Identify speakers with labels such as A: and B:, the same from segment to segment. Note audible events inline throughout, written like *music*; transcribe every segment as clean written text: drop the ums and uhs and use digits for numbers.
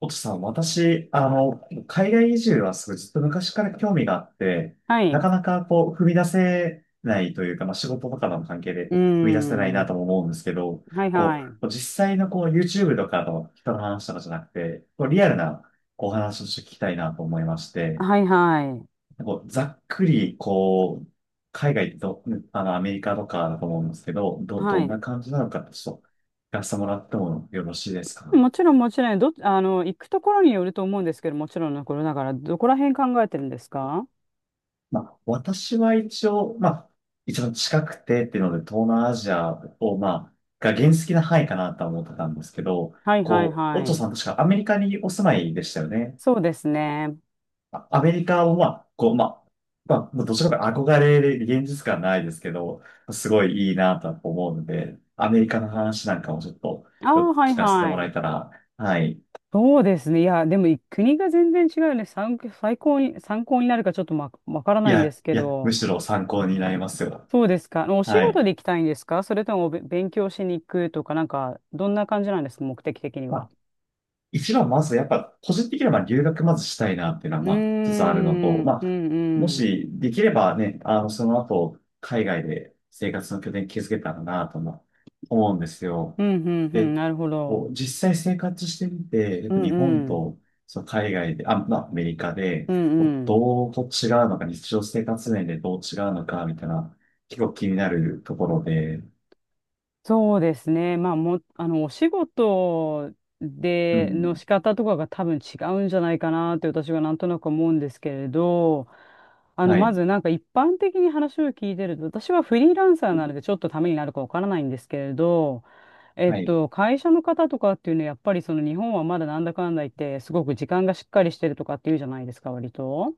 A: おとさん、私、海外移住はすごいずっと昔から興味があって、
B: はい。
A: な
B: う
A: かなか踏み出せないというか、まあ、仕事とかの関係で
B: ー
A: 踏み出せないな
B: ん。
A: とも思うんですけど、
B: はいはい。
A: 実際のYouTube とかの人の話とかじゃなくて、リアルなお話をして聞きたいなと思いまして、
B: はいはい。
A: ざっくり、海外と、アメリカとかだと思うんですけど、
B: は
A: どんな
B: い。
A: 感じなのか、ちょっと、聞かせてもらってもよろしいですか？
B: もちろんもちろん、どっ、あの、行くところによると思うんですけど、もちろんのことだから、どこら辺考えてるんですか？
A: まあ、私は一応、まあ、一番近くてっていうので、東南アジアを、まあ、が原始的な範囲かなとは思ってたんですけど、
B: はいはい
A: オッ
B: は
A: チョ
B: い。
A: さん確かアメリカにお住まいでしたよね。
B: そうですね。
A: まあアメリカを、まあ、まあ、まあ、もうどちらかというと憧れで現実感ないですけど、すごいいいなとは思うので、アメリカの話なんかもちょっと
B: あ
A: よ
B: あ、
A: く
B: はい
A: 聞かせて
B: は
A: もら
B: い。
A: えたら、はい。
B: そうですね。いや、でも国が全然違うよね。参考になるかちょっとわから
A: い
B: ないん
A: や、
B: ですけ
A: いや、む
B: ど、
A: しろ参考になりますよ。
B: そうですか？お仕
A: は
B: 事
A: い。
B: で行きたいんですか？それとも勉強しに行くとか、なんか、どんな感じなんですか、目的的には？
A: 一番まずやっぱ個人的にはまあ留学まずしたいなっていうのは
B: うー
A: まあ一つあるのと、
B: ん、
A: ま
B: う
A: あ
B: ん、
A: も
B: うん
A: しできればね、その後海外で生活の拠点築けたらなとも思うんです
B: う
A: よ。
B: ん、うん、うん、
A: で、
B: なるほど。
A: 実際生活してみて、やっ
B: う
A: ぱ
B: ん、
A: 日
B: う
A: 本
B: ん、
A: とその海外で、あ、まあアメリカ
B: う
A: で
B: ん、うん。
A: どう違うのか、日常生活面でどう違うのかみたいな結構気になるところで、
B: そうですね。まあ、も、あの、お仕事
A: う
B: での
A: ん、
B: 仕方とかが多分違うんじゃないかなって私はなんとなく思うんですけれど、
A: は
B: ま
A: い、
B: ずなんか一般的に話を聞いてると、私はフリーランサーなのでちょっとためになるかわからないんですけれど、
A: はい。
B: 会社の方とかっていうのはやっぱりその日本はまだなんだかんだ言って、すごく時間がしっかりしてるとかっていうじゃないですか、割と。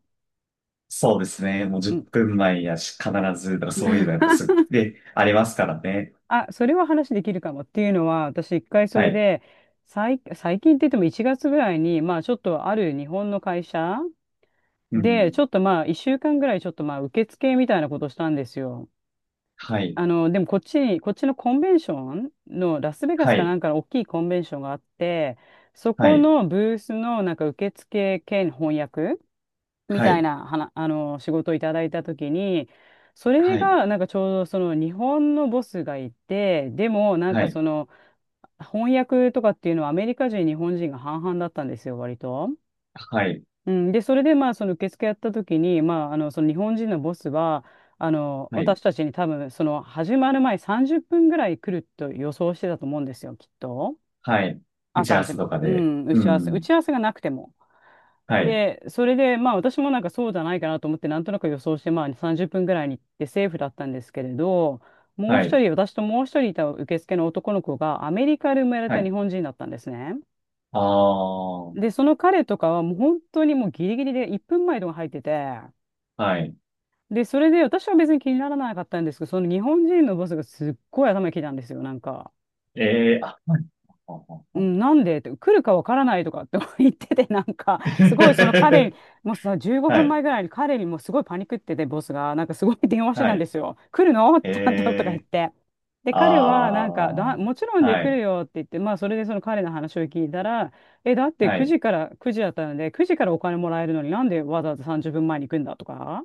A: そうですね。もう
B: う
A: 10
B: ん。
A: 分前やし、必ず、だからそういうのやっぱすぐで、ありますからね。
B: あ、それは話できるかもっていうのは、私一回そ
A: は
B: れ
A: い。
B: で、最近って言っても1月ぐらいに、まあちょっとある日本の会社
A: う
B: で、ち
A: ん。
B: ょっとまあ1週間ぐらいちょっとまあ受付みたいなことしたんですよ。
A: はい。
B: でもこっちのコンベンションのラスベガ
A: は
B: スかな
A: い。
B: んかの大きいコンベンションがあって、そ
A: は
B: こ
A: い。
B: のブースのなんか受付兼翻訳み
A: は
B: たい
A: い。
B: な、はな、あの、仕事をいただいたときに、それ
A: はい。
B: が、なんかちょうどその日本のボスがいて、でも、なん
A: は
B: か
A: い。
B: 翻訳とかっていうのはアメリカ人、日本人が半々だったんですよ、割と。
A: はい。
B: うん、で、それでまあ、その受付やったときに、まあ、その日本人のボスは、
A: はい。
B: 私たちに多分、その始まる前30分ぐらい来ると予想してたと思うんですよ、きっと。
A: はい。打ち
B: 朝
A: 合わ
B: 始
A: せ
B: ま
A: とか
B: う
A: で。
B: ん。打
A: う
B: ち合わせ。打
A: ん。
B: ち合わせがなくても。
A: はい。
B: で、それで、まあ私もなんかそうじゃないかなと思って、なんとなく予想して、まあ30分ぐらいに行ってセーフだったんですけれど、もう
A: は
B: 一
A: い。
B: 人、私ともう一人いた受付の男の子がアメリカで生まれ
A: は
B: た日
A: い。
B: 本人だったんですね。
A: あ
B: で、
A: あ。
B: その彼とかはもう本当にもうギリギリで1分前とか入ってて、
A: はい。
B: で、それで私は別に気にならなかったんですけど、その日本人のボスがすっごい頭にきたんですよ、なんか。
A: ええー、あ、はい。*laughs* あ
B: う
A: あ
B: ん、
A: あ
B: なんでって来るかわからないとかって *laughs* 言ってて、なんかすごいその彼に、もうさ15
A: あ *laughs* は
B: 分
A: い。
B: 前ぐらいに彼にもうすごいパニックってて、ボスがなんかすごい電話して
A: は
B: たんで
A: い。
B: すよ、来るの
A: え
B: ちゃんととか言っ
A: えー、
B: て。で、彼は
A: あ
B: なんかだもちろ
A: あ。
B: んで
A: は
B: 来る
A: い。
B: よって言って、まあそれでその彼の話を聞いたら、え、だって
A: は
B: 9
A: い。
B: 時から9時だったので9時からお金もらえるのになんでわざわざ30分前に行くんだとか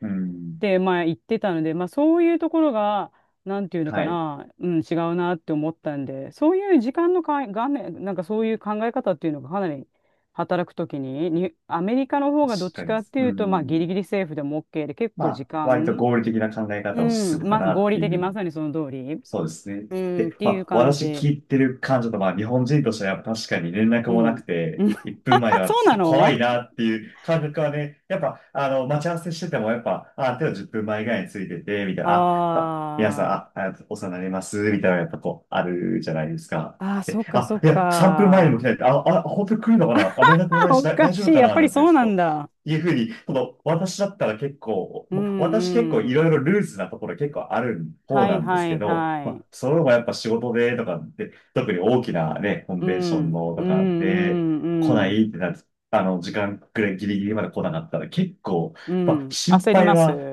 A: うん。
B: まあ言ってたので、まあそういうところが、なんていうの
A: は
B: か
A: い。
B: な、うん、違うなって思ったんで、そういう時間のかい、画面、なんかそういう考え方っていうのがかなり働くときに、アメリカの方がどっ
A: 確
B: ち
A: か
B: か
A: に。
B: ってい
A: う
B: うと、まあギ
A: ん。
B: リギリセーフでも OK で、結
A: ま
B: 構時
A: あ、割と
B: 間、
A: 合理的な考え
B: う
A: 方をす
B: ん、
A: るか
B: まあ
A: な
B: 合
A: って
B: 理
A: い
B: 的、ま
A: う。
B: さにその通り、
A: そうですね。
B: うん、っ
A: で、
B: て
A: ま
B: いう
A: あ、
B: 感
A: 私
B: じ。
A: 聞いてる感じだと、まあ、日本人としてはやっぱ確かに連絡
B: う
A: もなく
B: ん。う
A: て、
B: ん。
A: 1分前
B: *laughs*
A: だから
B: そう
A: ち
B: な
A: ょっと怖
B: の？
A: いなっていう感覚はね、やっぱ、待ち合わせしてても、やっぱ、あ、手を10分前ぐらいについてて、みたい
B: あ
A: な、あ、やっぱ皆さん、
B: ー
A: あ、あお世話になります、みたいな、やっぱあるじゃないですか。
B: あー、
A: で、
B: そっかそ
A: あ、
B: っ
A: いや、3分前にも来な
B: か。
A: いって、あ、本当に来るのかなあ、連絡も
B: *laughs*
A: ないし、
B: おか
A: 大丈
B: し
A: 夫
B: い。
A: か
B: やっ
A: な
B: ぱ
A: な
B: り
A: んて、
B: そ
A: ち
B: う
A: ょっ
B: な
A: と
B: んだ。
A: いうふうに、私だったら結構、
B: う
A: もう私結構
B: んう
A: い
B: ん。
A: ろいろルーズなところ結構ある方
B: はい
A: なんで
B: は
A: すけ
B: い
A: ど、
B: は
A: ま
B: い。
A: あ、それもやっぱ仕事でとかで、特に大きなね、コン
B: う
A: ベンショ
B: ん、う
A: ン
B: ん、
A: の
B: う
A: とかで
B: ん、
A: 来
B: う
A: な
B: ん、
A: いってなる、時間くらいギリギリまで来なかったら結構、
B: う
A: まあ、
B: ん。
A: 心
B: 焦り
A: 配
B: ます。
A: は、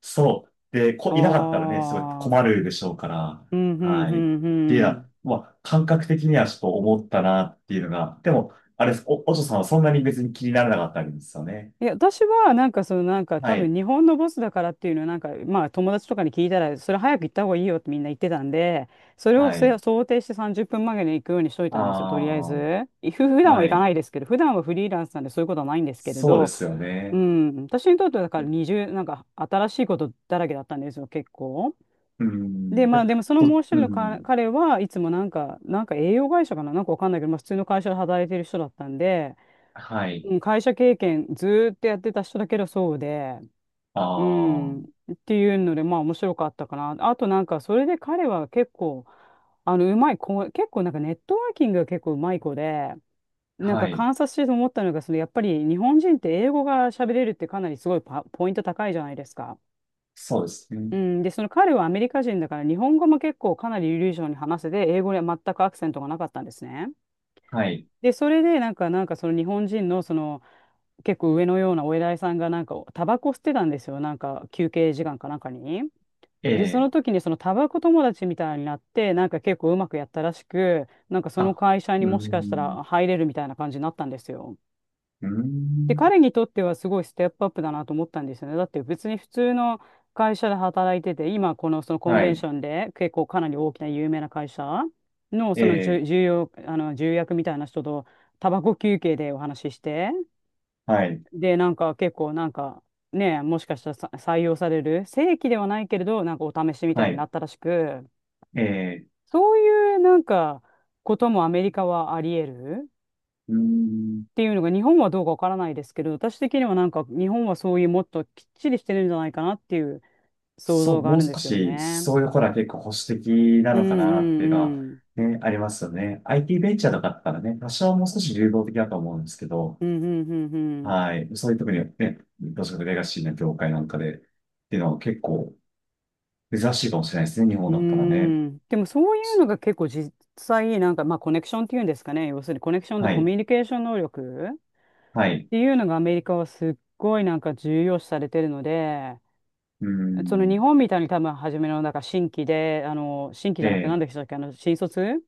A: そう。で、
B: お
A: いなかったらね、すごい
B: ー。
A: 困るでしょうから、
B: うん、うん、う
A: はい。っ
B: ん、
A: ていうの
B: う
A: は、
B: ん。
A: まあ、感覚的にはちょっと思ったなっていうのが、でも、あれです、お嬢さんはそんなに別に気にならなかったわけですよね。
B: いや、私は、なんか、その、なんか、
A: は
B: 多分、
A: い。
B: 日本のボスだからっていうのは、なんか、まあ、友達とかに聞いたら、それ早く行った方がいいよってみんな言ってたんで、それを
A: はい。
B: 想定して30分前に行くようにしとい
A: あ
B: たんですよ、とりあえず。普
A: あ、
B: 段は
A: は
B: 行か
A: い。
B: ないですけど、普段はフリーランスなんでそういうことはないんですけれ
A: そうで
B: ど、
A: すよ
B: う
A: ね。
B: ん、私にとってはだから20、なんか新しいことだらけだったんですよ、結構。
A: う
B: で、
A: ん。で、
B: まあでもそのもう一人
A: う
B: のか
A: ん。
B: 彼はいつもなんか栄養会社かな、なんかわかんないけど、まあ普通の会社で働いてる人だったんで、
A: はい。
B: うん、会社経験ずーっとやってた人だけどそうで、
A: あ
B: う
A: あ、
B: ん、っていうので、まあ面白かったかな。あとなんか、それで彼は結構、うまい子、結構なんかネットワーキングが結構うまい子で、なん
A: は
B: か
A: い。
B: 観察してて思ったのが、そのやっぱり日本人って英語が喋れるってかなりすごいポイント高いじゃないですか。
A: そうですね。
B: うん、で、その彼はアメリカ人だから、日本語も結構かなり流暢に話せて、英語には全くアクセントがなかったんですね。
A: はい。
B: で、それで、なんかその日本人の、結構上のようなお偉いさんが、なんか、タバコ吸ってたんですよ。なんか、休憩時間かなんかに。
A: え
B: で、その
A: え、
B: 時に、そのタバコ友達みたいになって、なんか結構うまくやったらしく、なんかその
A: あ、
B: 会社に
A: う
B: もしかした
A: ん。
B: ら入れるみたいな感じになったんですよ。
A: う
B: で、
A: ん。
B: 彼にとってはすごいステップアップだなと思ったんですよね。だって別に普通の会社で働いてて、今このそのコン
A: は
B: ベンシ
A: い。
B: ョンで結構かなり大きな有名な会社の
A: え
B: その重
A: え、
B: 重要、あの重役みたいな人とタバコ休憩でお話しして、
A: はい。
B: で、なんか結構なんかね、もしかしたらさ採用される、正規ではないけれど、なんかお試しみた
A: は
B: いにな
A: い。
B: ったらしく、
A: ええ、
B: そういうなんかこともアメリカはあり得る。
A: うん。
B: っていうのが日本はどうかわからないですけど、私的にはなんか日本はそういうもっときっちりしてるんじゃないかなっていう想
A: そ
B: 像
A: う、
B: があ
A: も
B: る
A: う
B: んで
A: 少
B: すよ
A: し、
B: ね。
A: そういうとこら結構保守的な
B: うん
A: のかなって
B: う
A: いうのは、
B: んうん。
A: ね、ありますよね。IT ベンチャーとかだったらね、多少もう少し流動的だと思うんですけど、
B: うんうんうん
A: はい。そういう特にね、どちらかレガシーな業界なんかで、っていうのは結構珍しいかもしれないですね。日本
B: う
A: だったらね。
B: ん。うーん。でもそういうのが結構実際なんかまあコネクションっていうんですかね。要するにコネクションと
A: は
B: コミ
A: い。
B: ュニケーション能力っ
A: はい。
B: ていうのがアメリカはすっごいなんか重要視されてるので、
A: うー
B: その
A: ん。
B: 日本みたいに多分初めのなんか新規で、新規じ
A: え
B: ゃなくて何
A: え。
B: でしたっけ、新卒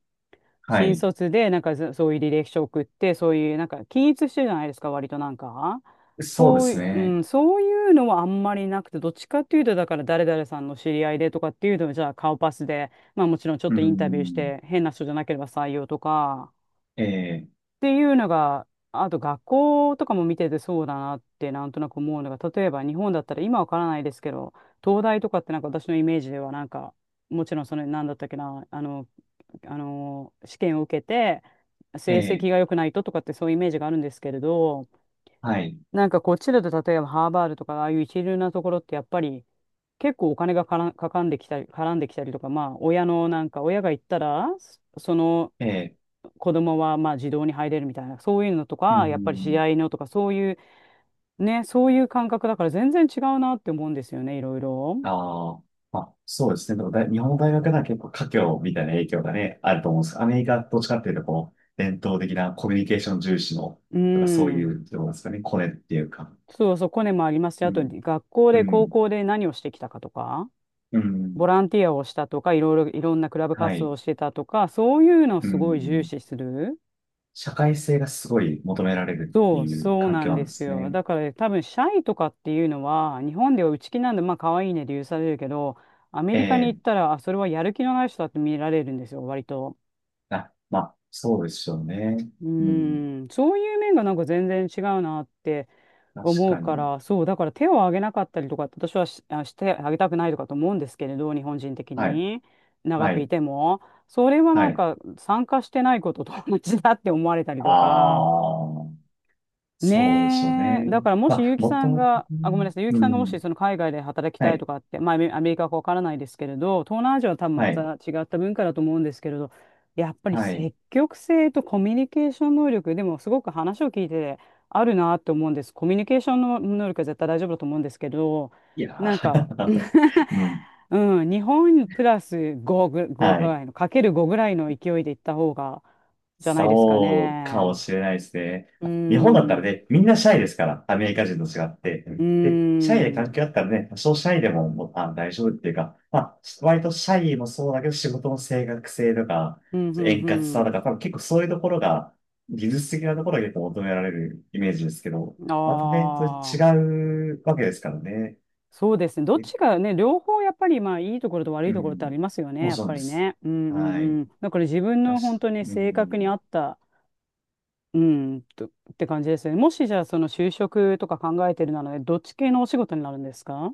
A: は
B: 新
A: い。
B: 卒で、なんかそういう履歴書送って、そういう、なんか均一してるじゃないですか、割となんか。
A: そうで
B: そう
A: す
B: いう、
A: ね。
B: そういうのはあんまりなくて、どっちかっていうと、だから誰々さんの知り合いでとかっていうのはじゃあ顔パスで、まあもちろんちょっ
A: うー
B: とインタビューし
A: ん。
B: て、変な人じゃなければ採用とか
A: ええ。
B: っていうのが、あと学校とかも見ててそうだなってなんとなく思うのが、例えば日本だったら今わからないですけど、東大とかって私のイメージではもちろんその、なんだったっけな、あの、あの、試験を受けて、
A: え
B: 成
A: え。
B: 績が良くないととかってそういうイメージがあるんですけれど、
A: はい。
B: こっちだと例えばハーバードとかああいう一流なところってやっぱり結構お金がからかかんできたり、絡んできたりとか、まあ親のなんか親が行ったら、その
A: ええ。
B: 子供はまあ児童に入れるみたいな、そういうのと
A: うー
B: か、やっぱり試
A: ん。
B: 合のとか、そういうね、そういう感覚だから全然違うなって思うんですよね、いろいろ。
A: ああ。まあ、そうですね。でも日本の大学では結構華僑みたいな影響がね、あると思うんです。アメリカどっちかっていうと、伝統的なコミュニケーション重視の、
B: う
A: とかそうい
B: ん。
A: う、どうなんですかね、コネっていうか。
B: そうそう、コネもありますし、
A: う
B: あと
A: ん。
B: 学校
A: う
B: で、高
A: ん。
B: 校で何をしてきたかとか。
A: う
B: ボ
A: ん。
B: ランティアをしたとか、いろいろ、いろんなクラブ
A: は
B: 活動
A: い。
B: をしてたとか、そういうのを
A: う
B: すごい重
A: ん。
B: 視する。
A: 社会性がすごい求められるって
B: そう、
A: いう
B: そう
A: 環
B: な
A: 境
B: ん
A: なん
B: で
A: で
B: す
A: す
B: よ。
A: ね。
B: だから多分、シャイとかっていうのは、日本では内気なんで、まあ、可愛いねで許されるけど、アメリカに行
A: ええ
B: ったら、あ、それはやる気のない人だって見られるんですよ、割と。
A: あ、まあ、そうでしょうね。
B: う
A: うん。
B: ーん、そういう面が全然違うなって
A: 確
B: 思う
A: か
B: か
A: に。
B: ら、そう、だから手を挙げなかったりとか私はし、あ、してあげたくないとかと思うんですけれど、日本人的
A: はい。
B: に、長
A: は
B: くい
A: い。
B: ても、それは
A: はい。
B: 参加してないことと同じだって思われたりとか、
A: ああ、そうでしょう
B: ねえ。だ
A: ね。
B: からも
A: ま
B: し
A: あ、
B: 結城
A: も
B: さ
A: と
B: ん
A: もと、
B: が、あ、ごめんなさい。結城
A: う
B: さんがもし
A: ん。
B: その海外で働き
A: は
B: たい
A: い。
B: とかって、まあアメリカかわからないですけれど、東南アジアは多分ま
A: はい。
B: た違った文化だと思うんですけれど、やっぱり
A: はい。
B: 積極性とコミュニケーション能力、でもすごく話を聞いてあるなって思うんです。コミュニケーションの能力は絶対大丈夫だと思うんですけど、
A: いや
B: なんか *laughs*
A: ー *laughs* うん。
B: うん、日本プラス5ぐ
A: はい。
B: らいの、かける5ぐらいの勢いでいった方が、じゃないですか
A: そうか
B: ね。
A: もしれないですね。
B: う
A: 日本だったら
B: ん。
A: ね、みんなシャイですから、アメリカ人と違って。う
B: うー
A: んで、シャイで関
B: ん。
A: 係あったらね、多少シャイでも、もう大丈夫っていうか、まあ、割とシャイもそうだけど、仕事の正確性とか、
B: うん、
A: 円
B: う
A: 滑さと
B: ん、
A: か、多分結構そういうところが、技術的なところが結構求められるイメージですけど、
B: うん。
A: またね、それ
B: ああ、
A: 違うわけですからね。
B: そうですね。どっ
A: え
B: ちがね、両方やっぱり、まあ、いいところと悪い
A: う
B: ところってあ
A: ん。
B: りますよね、
A: もう
B: やっ
A: そう
B: ぱ
A: で
B: り
A: す。
B: ね。うん、うん、
A: はい。
B: うん。だから自分
A: 確
B: の本
A: か
B: 当に
A: う
B: 性格に合
A: ん。
B: った、って感じですよね。もしじゃあ、その就職とか考えてるならね、どっち系のお仕事になるんですか？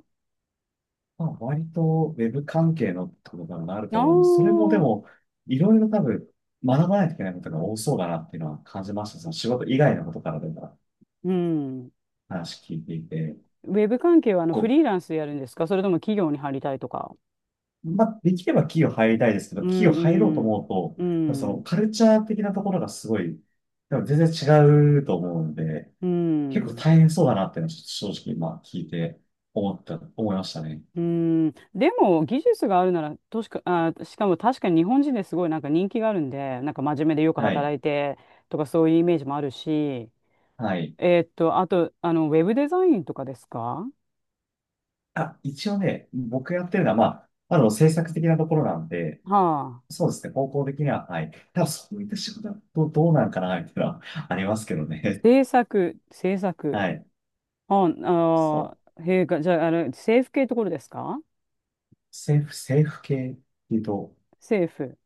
A: まあ、割とウェブ関係のってことになる
B: あ
A: と
B: あ
A: 思うんです。それもで
B: ー、
A: も、いろいろ多分学ばないといけないことが多そうだなっていうのは感じました。その仕事以外のことからでも
B: うん。
A: 話聞いていて。
B: ウェブ関係はあのフ
A: こ
B: リーランスでやるんですか？それとも企業に入りたいとか。
A: まあ、できれば企業入りたいですけど、
B: う
A: 企業入ろうと
B: ん、うん、
A: 思う
B: う
A: と、その
B: ん、
A: カルチャー的なところがすごい、でも全然違うと思うので、
B: う
A: 結構
B: ん。
A: 大変そうだなっていうのはちょっと正直、まあ、聞いて思いましたね。
B: うーん、でも技術があるなら、としか、あしかも確かに日本人ですごい人気があるんで、真面目でよく
A: はい。
B: 働いてとかそういうイメージもあるし、
A: はい。
B: えーっと、あと、あの、ウェブデザインとかですか？
A: あ、一応ね、僕やってるのは、まあ、制作的なところなんで、
B: はあ。
A: そうですね、方向的には、はい。ただ、そういった仕事だとどうなんかな、みたいなのはありますけどね。
B: 制作、制
A: *laughs*
B: 作。
A: はい。
B: あ、
A: そう。
B: あーへえ、がじゃあ、あれ、政府系ところですか？
A: 政府系っていうと、
B: 政府、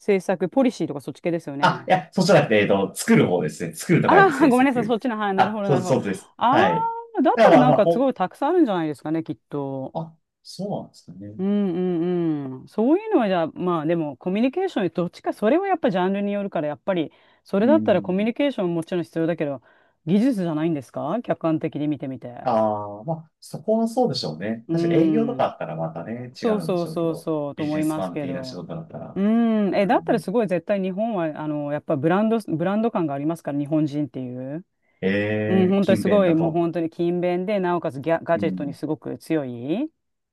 B: 政策、ポリシーとかそっち系ですよ
A: あ、い
B: ね。
A: や、そうじゃなくて、作る方ですね。作ると
B: あ
A: 書い
B: あ、
A: て
B: *laughs*
A: 制
B: ごめんなさい、そっ
A: 作。
B: ちの、はい、なるほ
A: あ、
B: ど、なるほど。
A: そうです。
B: あ
A: はい。
B: あ、だっ
A: だ
B: た
A: か
B: ら
A: ら、
B: なん
A: まあ、
B: かすごいたくさんあるんじゃないですかね、きっと。
A: あ、そうなんですかね。
B: うんうんうん。そういうのはじゃあ、まあでもコミュニケーション、どっちか、それはやっぱジャンルによるから、やっぱり、それ
A: う
B: だったらコミュ
A: ん。
B: ニケーションもちろん必要だけど、技術じゃないんですか、客観的に見てみて。
A: ああ、まあ、そこはそうでしょうね。
B: う
A: 確かに営業とか
B: ん。
A: あったらまたね、違
B: そう
A: うんで
B: そう
A: しょうけ
B: そう
A: ど、
B: そう、と
A: ビジ
B: 思
A: ネ
B: い
A: ス
B: ます
A: マン
B: け
A: 的な仕
B: ど。
A: 事だった
B: う
A: ら、
B: ん。
A: う
B: え、だったらすごい絶対日本は、あの、やっぱブランド感がありますから、日本人っていう。
A: え
B: うん、
A: えー
B: 本当に
A: 勤
B: す
A: 勉
B: ごい、
A: だ
B: もう
A: と。
B: 本当に勤勉で、なおかつガ
A: う
B: ジェットに
A: ん、
B: すごく強い。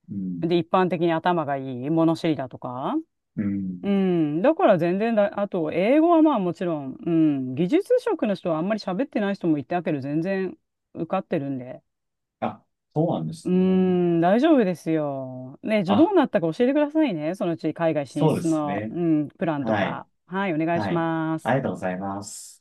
A: うん、
B: で、一般的に頭がいい、物知りだとか。
A: うん。
B: うん、だから全然だ、あと、英語はまあもちろん、うん、技術職の人はあんまり喋ってない人もいたけど、全然受かってるんで。
A: あ、そうなんで
B: うー
A: すね。
B: ん、大丈夫ですよ。ね、じゃあどう
A: あ、
B: なったか教えてくださいね。そのうち海外進
A: そうで
B: 出
A: す
B: の、
A: ね。
B: うん、プランと
A: はい、
B: か。はい、お願い
A: は
B: し
A: い。
B: ま
A: あ
B: す。
A: りがとうございます。